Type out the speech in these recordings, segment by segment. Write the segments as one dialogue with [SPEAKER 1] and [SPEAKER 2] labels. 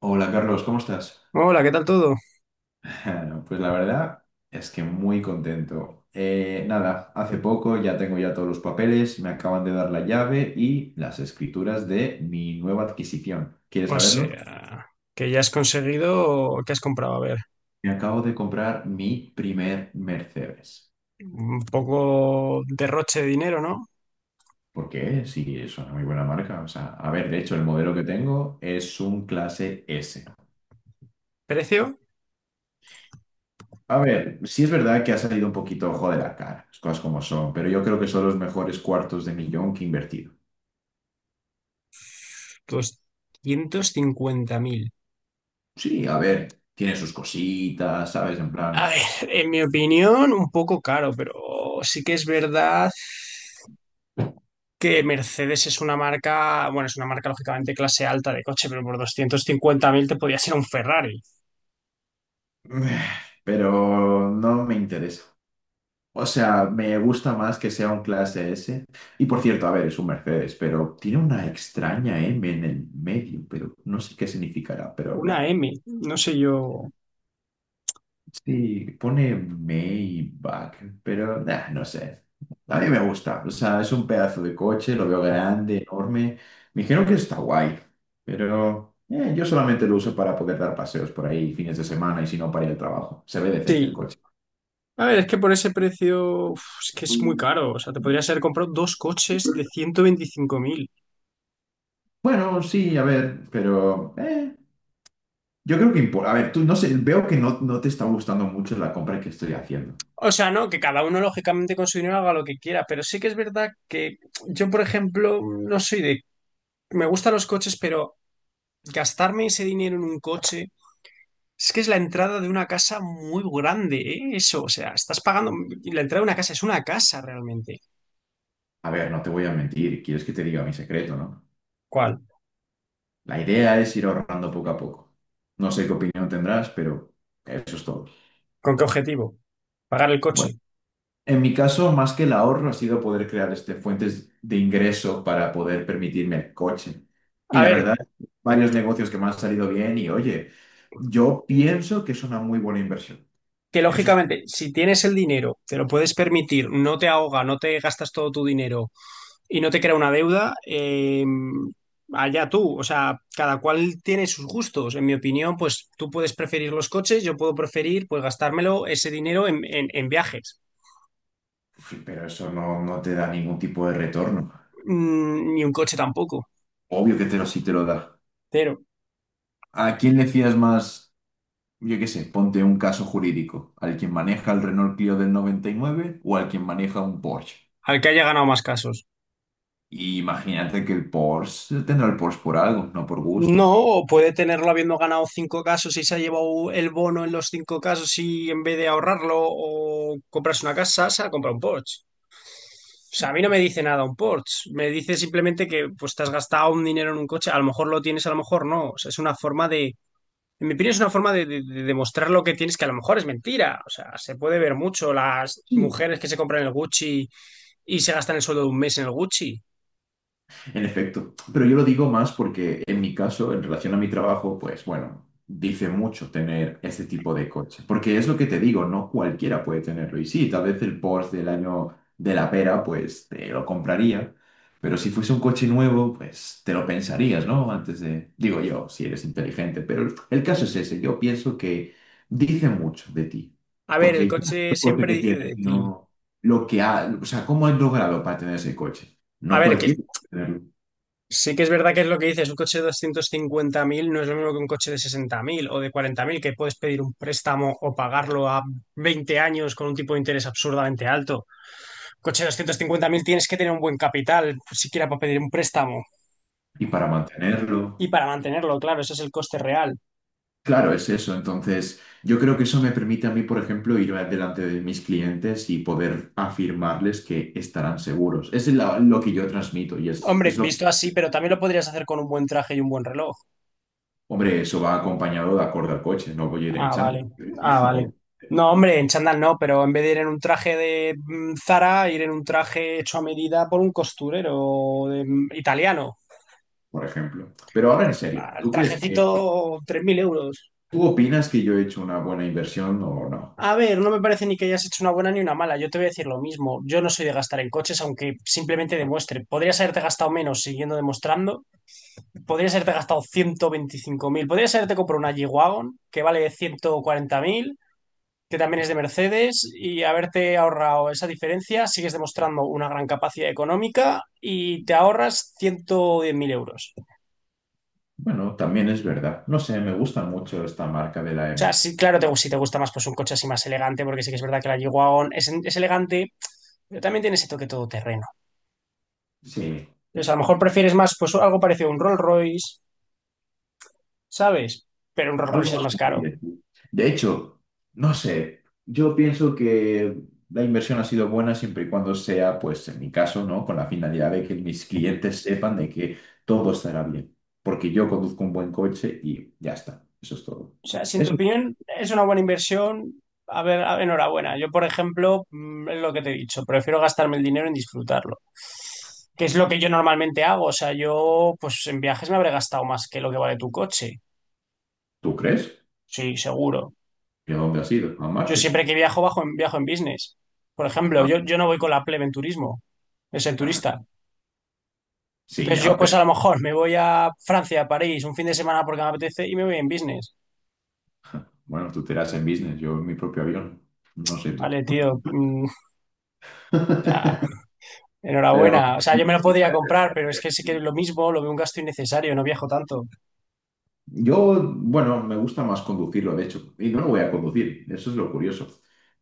[SPEAKER 1] Hola Carlos, ¿cómo estás?
[SPEAKER 2] Hola, ¿qué tal todo?
[SPEAKER 1] Pues la verdad es que muy contento. Nada, hace poco ya tengo ya todos los papeles, me acaban de dar la llave y las escrituras de mi nueva adquisición. ¿Quieres
[SPEAKER 2] O
[SPEAKER 1] saberlo?
[SPEAKER 2] sea, que ya has conseguido, ¿qué has comprado? A ver,
[SPEAKER 1] Me acabo de comprar mi primer Mercedes.
[SPEAKER 2] un poco derroche de dinero, ¿no?
[SPEAKER 1] ¿Por qué? Sí, es una muy buena marca. O sea, a ver, de hecho, el modelo que tengo es un clase S.
[SPEAKER 2] ¿Precio?
[SPEAKER 1] A ver, sí es verdad que ha salido un poquito ojo de la cara, las cosas como son, pero yo creo que son los mejores cuartos de millón que he invertido.
[SPEAKER 2] 250.000.
[SPEAKER 1] Sí, a ver, tiene sus cositas, ¿sabes? En plan,
[SPEAKER 2] A ver, en mi opinión, un poco caro, pero sí que es verdad que Mercedes es una marca, bueno, es una marca lógicamente clase alta de coche, pero por 250.000 te podía ser un Ferrari,
[SPEAKER 1] pero no me interesa. O sea, me gusta más que sea un clase S. Y por cierto, a ver, es un Mercedes, pero tiene una extraña M en el medio, pero no sé qué significará, pero
[SPEAKER 2] una
[SPEAKER 1] meh.
[SPEAKER 2] M, no sé yo.
[SPEAKER 1] Sí, pone Maybach, pero nah, no sé. A mí me gusta. O sea, es un pedazo de coche, lo veo grande, enorme. Me dijeron que está guay, pero yo solamente lo uso para poder dar paseos por ahí fines de semana y si no para ir al trabajo. Se ve decente el
[SPEAKER 2] Sí.
[SPEAKER 1] coche.
[SPEAKER 2] A ver, es que por ese precio, uf, es que es muy caro. O sea, te podrías haber comprado dos coches de 125.000.
[SPEAKER 1] Bueno, sí, a ver, pero yo creo que importa. A ver, tú no sé, veo que no te está gustando mucho la compra que estoy haciendo.
[SPEAKER 2] O sea, no, que cada uno lógicamente con su dinero haga lo que quiera, pero sí que es verdad que yo, por ejemplo, no soy de... Me gustan los coches, pero gastarme ese dinero en un coche es que es la entrada de una casa muy grande, ¿eh? Eso, o sea, estás pagando... La entrada de una casa es una casa realmente.
[SPEAKER 1] A ver, no te voy a mentir, quieres que te diga mi secreto, ¿no?
[SPEAKER 2] ¿Cuál?
[SPEAKER 1] La idea es ir ahorrando poco a poco. No sé qué opinión tendrás, pero eso es todo.
[SPEAKER 2] ¿Con qué objetivo? Pagar el
[SPEAKER 1] Bueno,
[SPEAKER 2] coche.
[SPEAKER 1] en mi caso, más que el ahorro, ha sido poder crear este, fuentes de ingreso para poder permitirme el coche. Y
[SPEAKER 2] A
[SPEAKER 1] la
[SPEAKER 2] ver,
[SPEAKER 1] verdad, varios negocios que me han salido bien y oye, yo pienso que es una muy buena inversión.
[SPEAKER 2] que
[SPEAKER 1] Eso es-
[SPEAKER 2] lógicamente, si tienes el dinero, te lo puedes permitir, no te ahoga, no te gastas todo tu dinero y no te crea una deuda, allá tú. O sea, cada cual tiene sus gustos. En mi opinión, pues tú puedes preferir los coches, yo puedo preferir pues gastármelo ese dinero en viajes.
[SPEAKER 1] sí, pero eso no te da ningún tipo de retorno.
[SPEAKER 2] Mm, ni un coche tampoco,
[SPEAKER 1] Obvio que te lo, sí te lo da.
[SPEAKER 2] pero
[SPEAKER 1] ¿A quién le fías más? Yo qué sé, ponte un caso jurídico, al quien maneja el Renault Clio del 99 o al quien maneja un Porsche.
[SPEAKER 2] al que haya ganado más casos.
[SPEAKER 1] Y imagínate que el Porsche tendrá el Porsche por algo, no por
[SPEAKER 2] No,
[SPEAKER 1] gusto.
[SPEAKER 2] o puede tenerlo habiendo ganado 5 casos y se ha llevado el bono en los 5 casos y en vez de ahorrarlo o comprarse una casa, se ha comprado un Porsche. O sea, a mí no me dice nada un Porsche, me dice simplemente que pues te has gastado un dinero en un coche, a lo mejor lo tienes, a lo mejor no, o sea, es una forma de, en mi opinión es una forma de demostrar lo que tienes, que a lo mejor es mentira, o sea, se puede ver mucho las mujeres que se compran el Gucci y se gastan el sueldo de un mes en el Gucci.
[SPEAKER 1] En efecto, pero yo lo digo más porque en mi caso, en relación a mi trabajo, pues bueno, dice mucho tener este tipo de coche, porque es lo que te digo, no cualquiera puede tenerlo. Y sí, tal vez el Porsche del año de la pera, pues te lo compraría, pero si fuese un coche nuevo, pues te lo pensarías, ¿no? Antes de, digo yo, si eres inteligente, pero el caso es ese, yo pienso que dice mucho de ti,
[SPEAKER 2] A ver, el
[SPEAKER 1] porque ya no es
[SPEAKER 2] coche
[SPEAKER 1] el coche
[SPEAKER 2] siempre
[SPEAKER 1] que
[SPEAKER 2] dice
[SPEAKER 1] tienes,
[SPEAKER 2] de ti.
[SPEAKER 1] no lo que ha, o sea, cómo has logrado para tener ese coche.
[SPEAKER 2] A
[SPEAKER 1] No
[SPEAKER 2] ver, que
[SPEAKER 1] cualquiera puede tenerlo.
[SPEAKER 2] sí que es verdad que es lo que dices, un coche de 250.000 no es lo mismo que un coche de 60.000 o de 40.000 que puedes pedir un préstamo o pagarlo a 20 años con un tipo de interés absurdamente alto. Coche de 250.000 tienes que tener un buen capital, siquiera para pedir un préstamo
[SPEAKER 1] Y para
[SPEAKER 2] y
[SPEAKER 1] mantenerlo.
[SPEAKER 2] para mantenerlo, claro, ese es el coste real.
[SPEAKER 1] Claro, es eso. Entonces, yo creo que eso me permite a mí, por ejemplo, ir delante de mis clientes y poder afirmarles que estarán seguros. Lo que yo transmito y
[SPEAKER 2] Hombre,
[SPEAKER 1] es lo que...
[SPEAKER 2] visto así, pero también lo podrías hacer con un buen traje y un buen reloj.
[SPEAKER 1] Hombre, eso va acompañado de acorde al coche, no voy a ir en
[SPEAKER 2] Ah,
[SPEAKER 1] chándal,
[SPEAKER 2] vale. Ah, vale.
[SPEAKER 1] obviamente,
[SPEAKER 2] No, hombre, en chándal no, pero en vez de ir en un traje de Zara, ir en un traje hecho a medida por un costurero de italiano.
[SPEAKER 1] por ejemplo. Pero ahora en
[SPEAKER 2] O sea,
[SPEAKER 1] serio,
[SPEAKER 2] el
[SPEAKER 1] ¿tú crees que...
[SPEAKER 2] trajecito, 3.000 euros.
[SPEAKER 1] ¿Tú opinas que yo he hecho una buena inversión o no?
[SPEAKER 2] A ver, no me parece ni que hayas hecho una buena ni una mala. Yo te voy a decir lo mismo. Yo no soy de gastar en coches, aunque simplemente demuestre. Podrías haberte gastado menos siguiendo demostrando. Podrías haberte gastado 125.000. Podrías haberte comprado una G-Wagon que vale 140.000, que también es de Mercedes, y haberte ahorrado esa diferencia, sigues demostrando una gran capacidad económica y te ahorras 110.000 mil euros. O
[SPEAKER 1] Bueno, también es verdad. No sé, me gusta mucho esta marca de la
[SPEAKER 2] sea,
[SPEAKER 1] M.
[SPEAKER 2] sí, claro, si te gusta más pues un coche así más elegante, porque sí que es verdad que la Jaguar es elegante, pero también tiene ese toque todoterreno.
[SPEAKER 1] Sí.
[SPEAKER 2] Entonces, a lo mejor prefieres más pues algo parecido a un Rolls Royce, ¿sabes? Pero un Rolls Royce
[SPEAKER 1] Algo
[SPEAKER 2] es más caro.
[SPEAKER 1] asumible. De hecho, no sé, yo pienso que la inversión ha sido buena siempre y cuando sea, pues en mi caso, ¿no? Con la finalidad de que mis clientes sepan de que todo estará bien. Porque yo conduzco un buen coche y ya está. Eso es todo.
[SPEAKER 2] O sea, si en tu
[SPEAKER 1] Eso.
[SPEAKER 2] opinión es una buena inversión, a ver, enhorabuena. Yo, por ejemplo, es lo que te he dicho, prefiero gastarme el dinero en disfrutarlo, que es lo que yo normalmente hago. O sea, yo, pues en viajes me habré gastado más que lo que vale tu coche.
[SPEAKER 1] ¿Tú crees?
[SPEAKER 2] Sí, seguro.
[SPEAKER 1] ¿Y a dónde has ido? A
[SPEAKER 2] Yo
[SPEAKER 1] Marte.
[SPEAKER 2] siempre que viajo, viajo en business. Por ejemplo,
[SPEAKER 1] Ah,
[SPEAKER 2] yo no voy con la plebe en turismo, de ser
[SPEAKER 1] ah.
[SPEAKER 2] turista.
[SPEAKER 1] Sí,
[SPEAKER 2] Entonces yo,
[SPEAKER 1] ya,
[SPEAKER 2] pues a
[SPEAKER 1] pero
[SPEAKER 2] lo mejor me voy a Francia, a París, un fin de semana porque me apetece y me voy en business.
[SPEAKER 1] bueno, tú te irás en business, yo en mi propio avión. No sé tú.
[SPEAKER 2] Vale, tío.
[SPEAKER 1] Pero...
[SPEAKER 2] Enhorabuena. O sea, yo me lo podría comprar, pero es que sí que es lo mismo, lo veo un gasto innecesario, no viajo tanto.
[SPEAKER 1] Yo, bueno, me gusta más conducirlo, de hecho, y no lo voy a conducir, eso es lo curioso,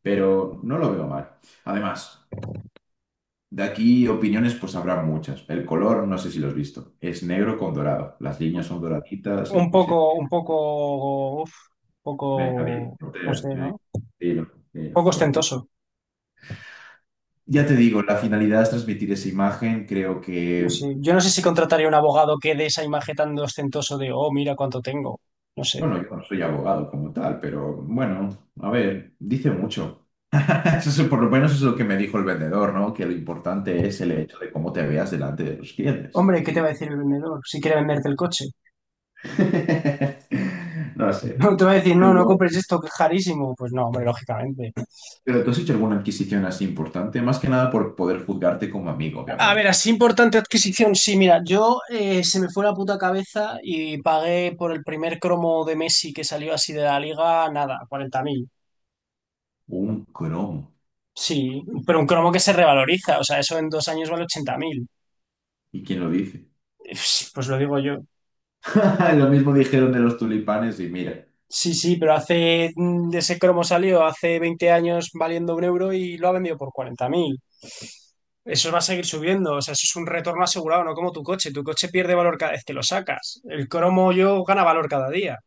[SPEAKER 1] pero no lo veo mal. Además, de aquí opiniones pues habrá muchas. El color, no sé si lo has visto, es negro con dorado, las líneas son doraditas, el coche.
[SPEAKER 2] Un poco, uf, un
[SPEAKER 1] Venga, dilo,
[SPEAKER 2] poco, no
[SPEAKER 1] portero,
[SPEAKER 2] sé,
[SPEAKER 1] venga,
[SPEAKER 2] ¿no? Un
[SPEAKER 1] dilo, dilo,
[SPEAKER 2] poco
[SPEAKER 1] portero.
[SPEAKER 2] ostentoso.
[SPEAKER 1] Ya te digo, la finalidad es transmitir esa imagen, creo
[SPEAKER 2] No
[SPEAKER 1] que,
[SPEAKER 2] sé. Yo no sé si contrataría un abogado que dé esa imagen tan de ostentoso de, oh, mira cuánto tengo. No sé.
[SPEAKER 1] bueno, yo no soy abogado como tal, pero bueno, a ver, dice mucho. Eso es, por lo menos es lo que me dijo el vendedor, ¿no? Que lo importante es el hecho de cómo te veas delante de los clientes.
[SPEAKER 2] Hombre, ¿qué te va a decir el vendedor si quiere venderte el coche?
[SPEAKER 1] No
[SPEAKER 2] No
[SPEAKER 1] sé.
[SPEAKER 2] te va a decir, no, no
[SPEAKER 1] Pero,
[SPEAKER 2] compres esto, que es carísimo. Pues no, hombre, lógicamente.
[SPEAKER 1] pero tú has hecho alguna adquisición así importante, más que nada por poder juzgarte como amigo,
[SPEAKER 2] A ver,
[SPEAKER 1] obviamente.
[SPEAKER 2] así importante adquisición. Sí, mira, yo se me fue la puta cabeza y pagué por el primer cromo de Messi que salió así de la liga, nada, 40.000.
[SPEAKER 1] Un cromo.
[SPEAKER 2] Sí, pero un cromo que se revaloriza, o sea, eso en 2 años vale 80.000.
[SPEAKER 1] ¿Y quién lo dice?
[SPEAKER 2] pues lo digo yo.
[SPEAKER 1] Lo mismo dijeron de los tulipanes y mira.
[SPEAKER 2] Sí, sí, pero ese cromo salió hace 20 años valiendo un euro y lo ha vendido por 40.000. Eso va a seguir subiendo, o sea, eso es un retorno asegurado, no como tu coche. Tu coche pierde valor cada vez que lo sacas. El cromo yo gana valor cada día.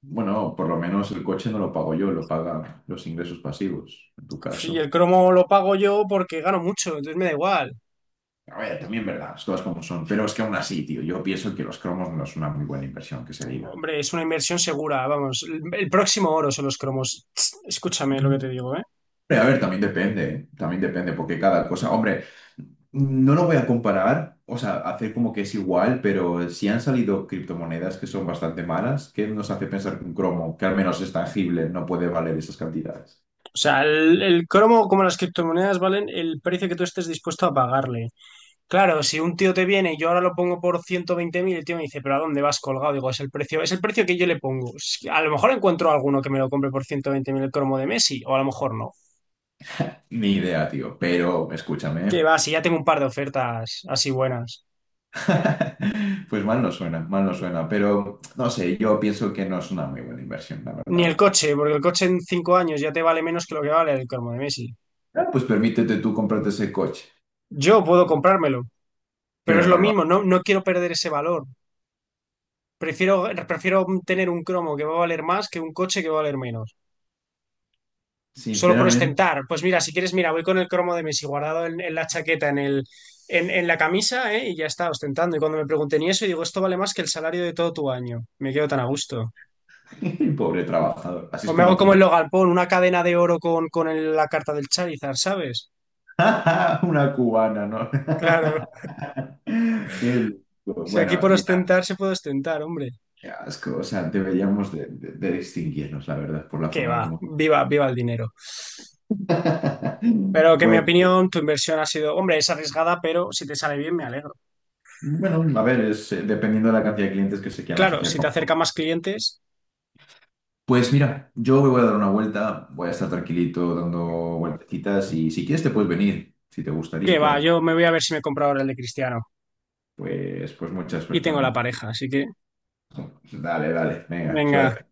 [SPEAKER 1] Bueno, por lo menos el coche no lo pago yo, lo pagan los ingresos pasivos, en tu
[SPEAKER 2] Sí,
[SPEAKER 1] caso.
[SPEAKER 2] el cromo lo pago yo porque gano mucho, entonces me da igual.
[SPEAKER 1] A ver, también verdad, las cosas como son. Pero es que aún así, tío, yo pienso que los cromos no es una muy buena inversión, que se diga.
[SPEAKER 2] Hombre, es una inversión segura, vamos. El próximo oro son los cromos. Escúchame lo que te digo, ¿eh?
[SPEAKER 1] Hombre, a ver, también depende, ¿eh? También depende, porque cada cosa, hombre, no lo voy a comparar, o sea, hacer como que es igual, pero si han salido criptomonedas que son bastante malas, ¿qué nos hace pensar que un cromo, que al menos es tangible, no puede valer esas cantidades?
[SPEAKER 2] O sea, el cromo, como las criptomonedas, valen el precio que tú estés dispuesto a pagarle. Claro, si un tío te viene y yo ahora lo pongo por 120.000, el tío me dice, pero ¿a dónde vas colgado? Digo, es el precio que yo le pongo. A lo mejor encuentro alguno que me lo compre por 120.000 el cromo de Messi, o a lo mejor no.
[SPEAKER 1] Ni idea, tío, pero
[SPEAKER 2] Que
[SPEAKER 1] escúchame,
[SPEAKER 2] va, si ya tengo un par de ofertas así buenas.
[SPEAKER 1] pues mal no suena, pero no sé, yo pienso que no es una muy buena inversión, la
[SPEAKER 2] Ni el
[SPEAKER 1] verdad.
[SPEAKER 2] coche, porque el coche en 5 años ya te vale menos que lo que vale el cromo de Messi.
[SPEAKER 1] Ah, pues permítete tú comprarte ese coche,
[SPEAKER 2] Yo puedo comprármelo, pero es
[SPEAKER 1] pero
[SPEAKER 2] lo
[SPEAKER 1] no lo
[SPEAKER 2] mismo,
[SPEAKER 1] hagas.
[SPEAKER 2] no, no quiero perder ese valor. Prefiero, prefiero tener un cromo que va a valer más que un coche que va a valer menos. Solo por
[SPEAKER 1] Sinceramente,
[SPEAKER 2] ostentar. Pues mira, si quieres, mira, voy con el cromo de Messi guardado en la chaqueta, en la camisa, ¿eh? Y ya está, ostentando. Y cuando me pregunten y eso, y digo, esto vale más que el salario de todo tu año. Me quedo tan a gusto.
[SPEAKER 1] pobre trabajador, así
[SPEAKER 2] O
[SPEAKER 1] es
[SPEAKER 2] me
[SPEAKER 1] como
[SPEAKER 2] hago como el Logan Paul, una cadena de oro con la carta del Charizard, ¿sabes?
[SPEAKER 1] una cubana, ¿no?
[SPEAKER 2] Claro.
[SPEAKER 1] Qué loco.
[SPEAKER 2] Si aquí
[SPEAKER 1] Bueno,
[SPEAKER 2] por
[SPEAKER 1] mira,
[SPEAKER 2] ostentar se puede ostentar, hombre.
[SPEAKER 1] qué asco. O sea, deberíamos de, de distinguirnos, la verdad, por la
[SPEAKER 2] Que
[SPEAKER 1] forma
[SPEAKER 2] va,
[SPEAKER 1] en cómo.
[SPEAKER 2] viva, viva el dinero. Pero que en mi
[SPEAKER 1] Pues,
[SPEAKER 2] opinión, tu inversión ha sido, hombre, es arriesgada, pero si te sale bien, me alegro.
[SPEAKER 1] bueno, a ver, es, dependiendo de la cantidad de clientes que se quieran
[SPEAKER 2] Claro,
[SPEAKER 1] asociar
[SPEAKER 2] si te
[SPEAKER 1] con.
[SPEAKER 2] acerca más clientes,
[SPEAKER 1] Pues mira, yo me voy a dar una vuelta, voy a estar tranquilito dando vueltecitas y si quieres te puedes venir, si te gustaría,
[SPEAKER 2] que va,
[SPEAKER 1] claro.
[SPEAKER 2] yo me voy a ver si me compro ahora el de Cristiano.
[SPEAKER 1] Pues mucha
[SPEAKER 2] Y
[SPEAKER 1] suerte,
[SPEAKER 2] tengo la
[SPEAKER 1] anda.
[SPEAKER 2] pareja, así que
[SPEAKER 1] Dale, dale, venga,
[SPEAKER 2] venga.
[SPEAKER 1] suerte.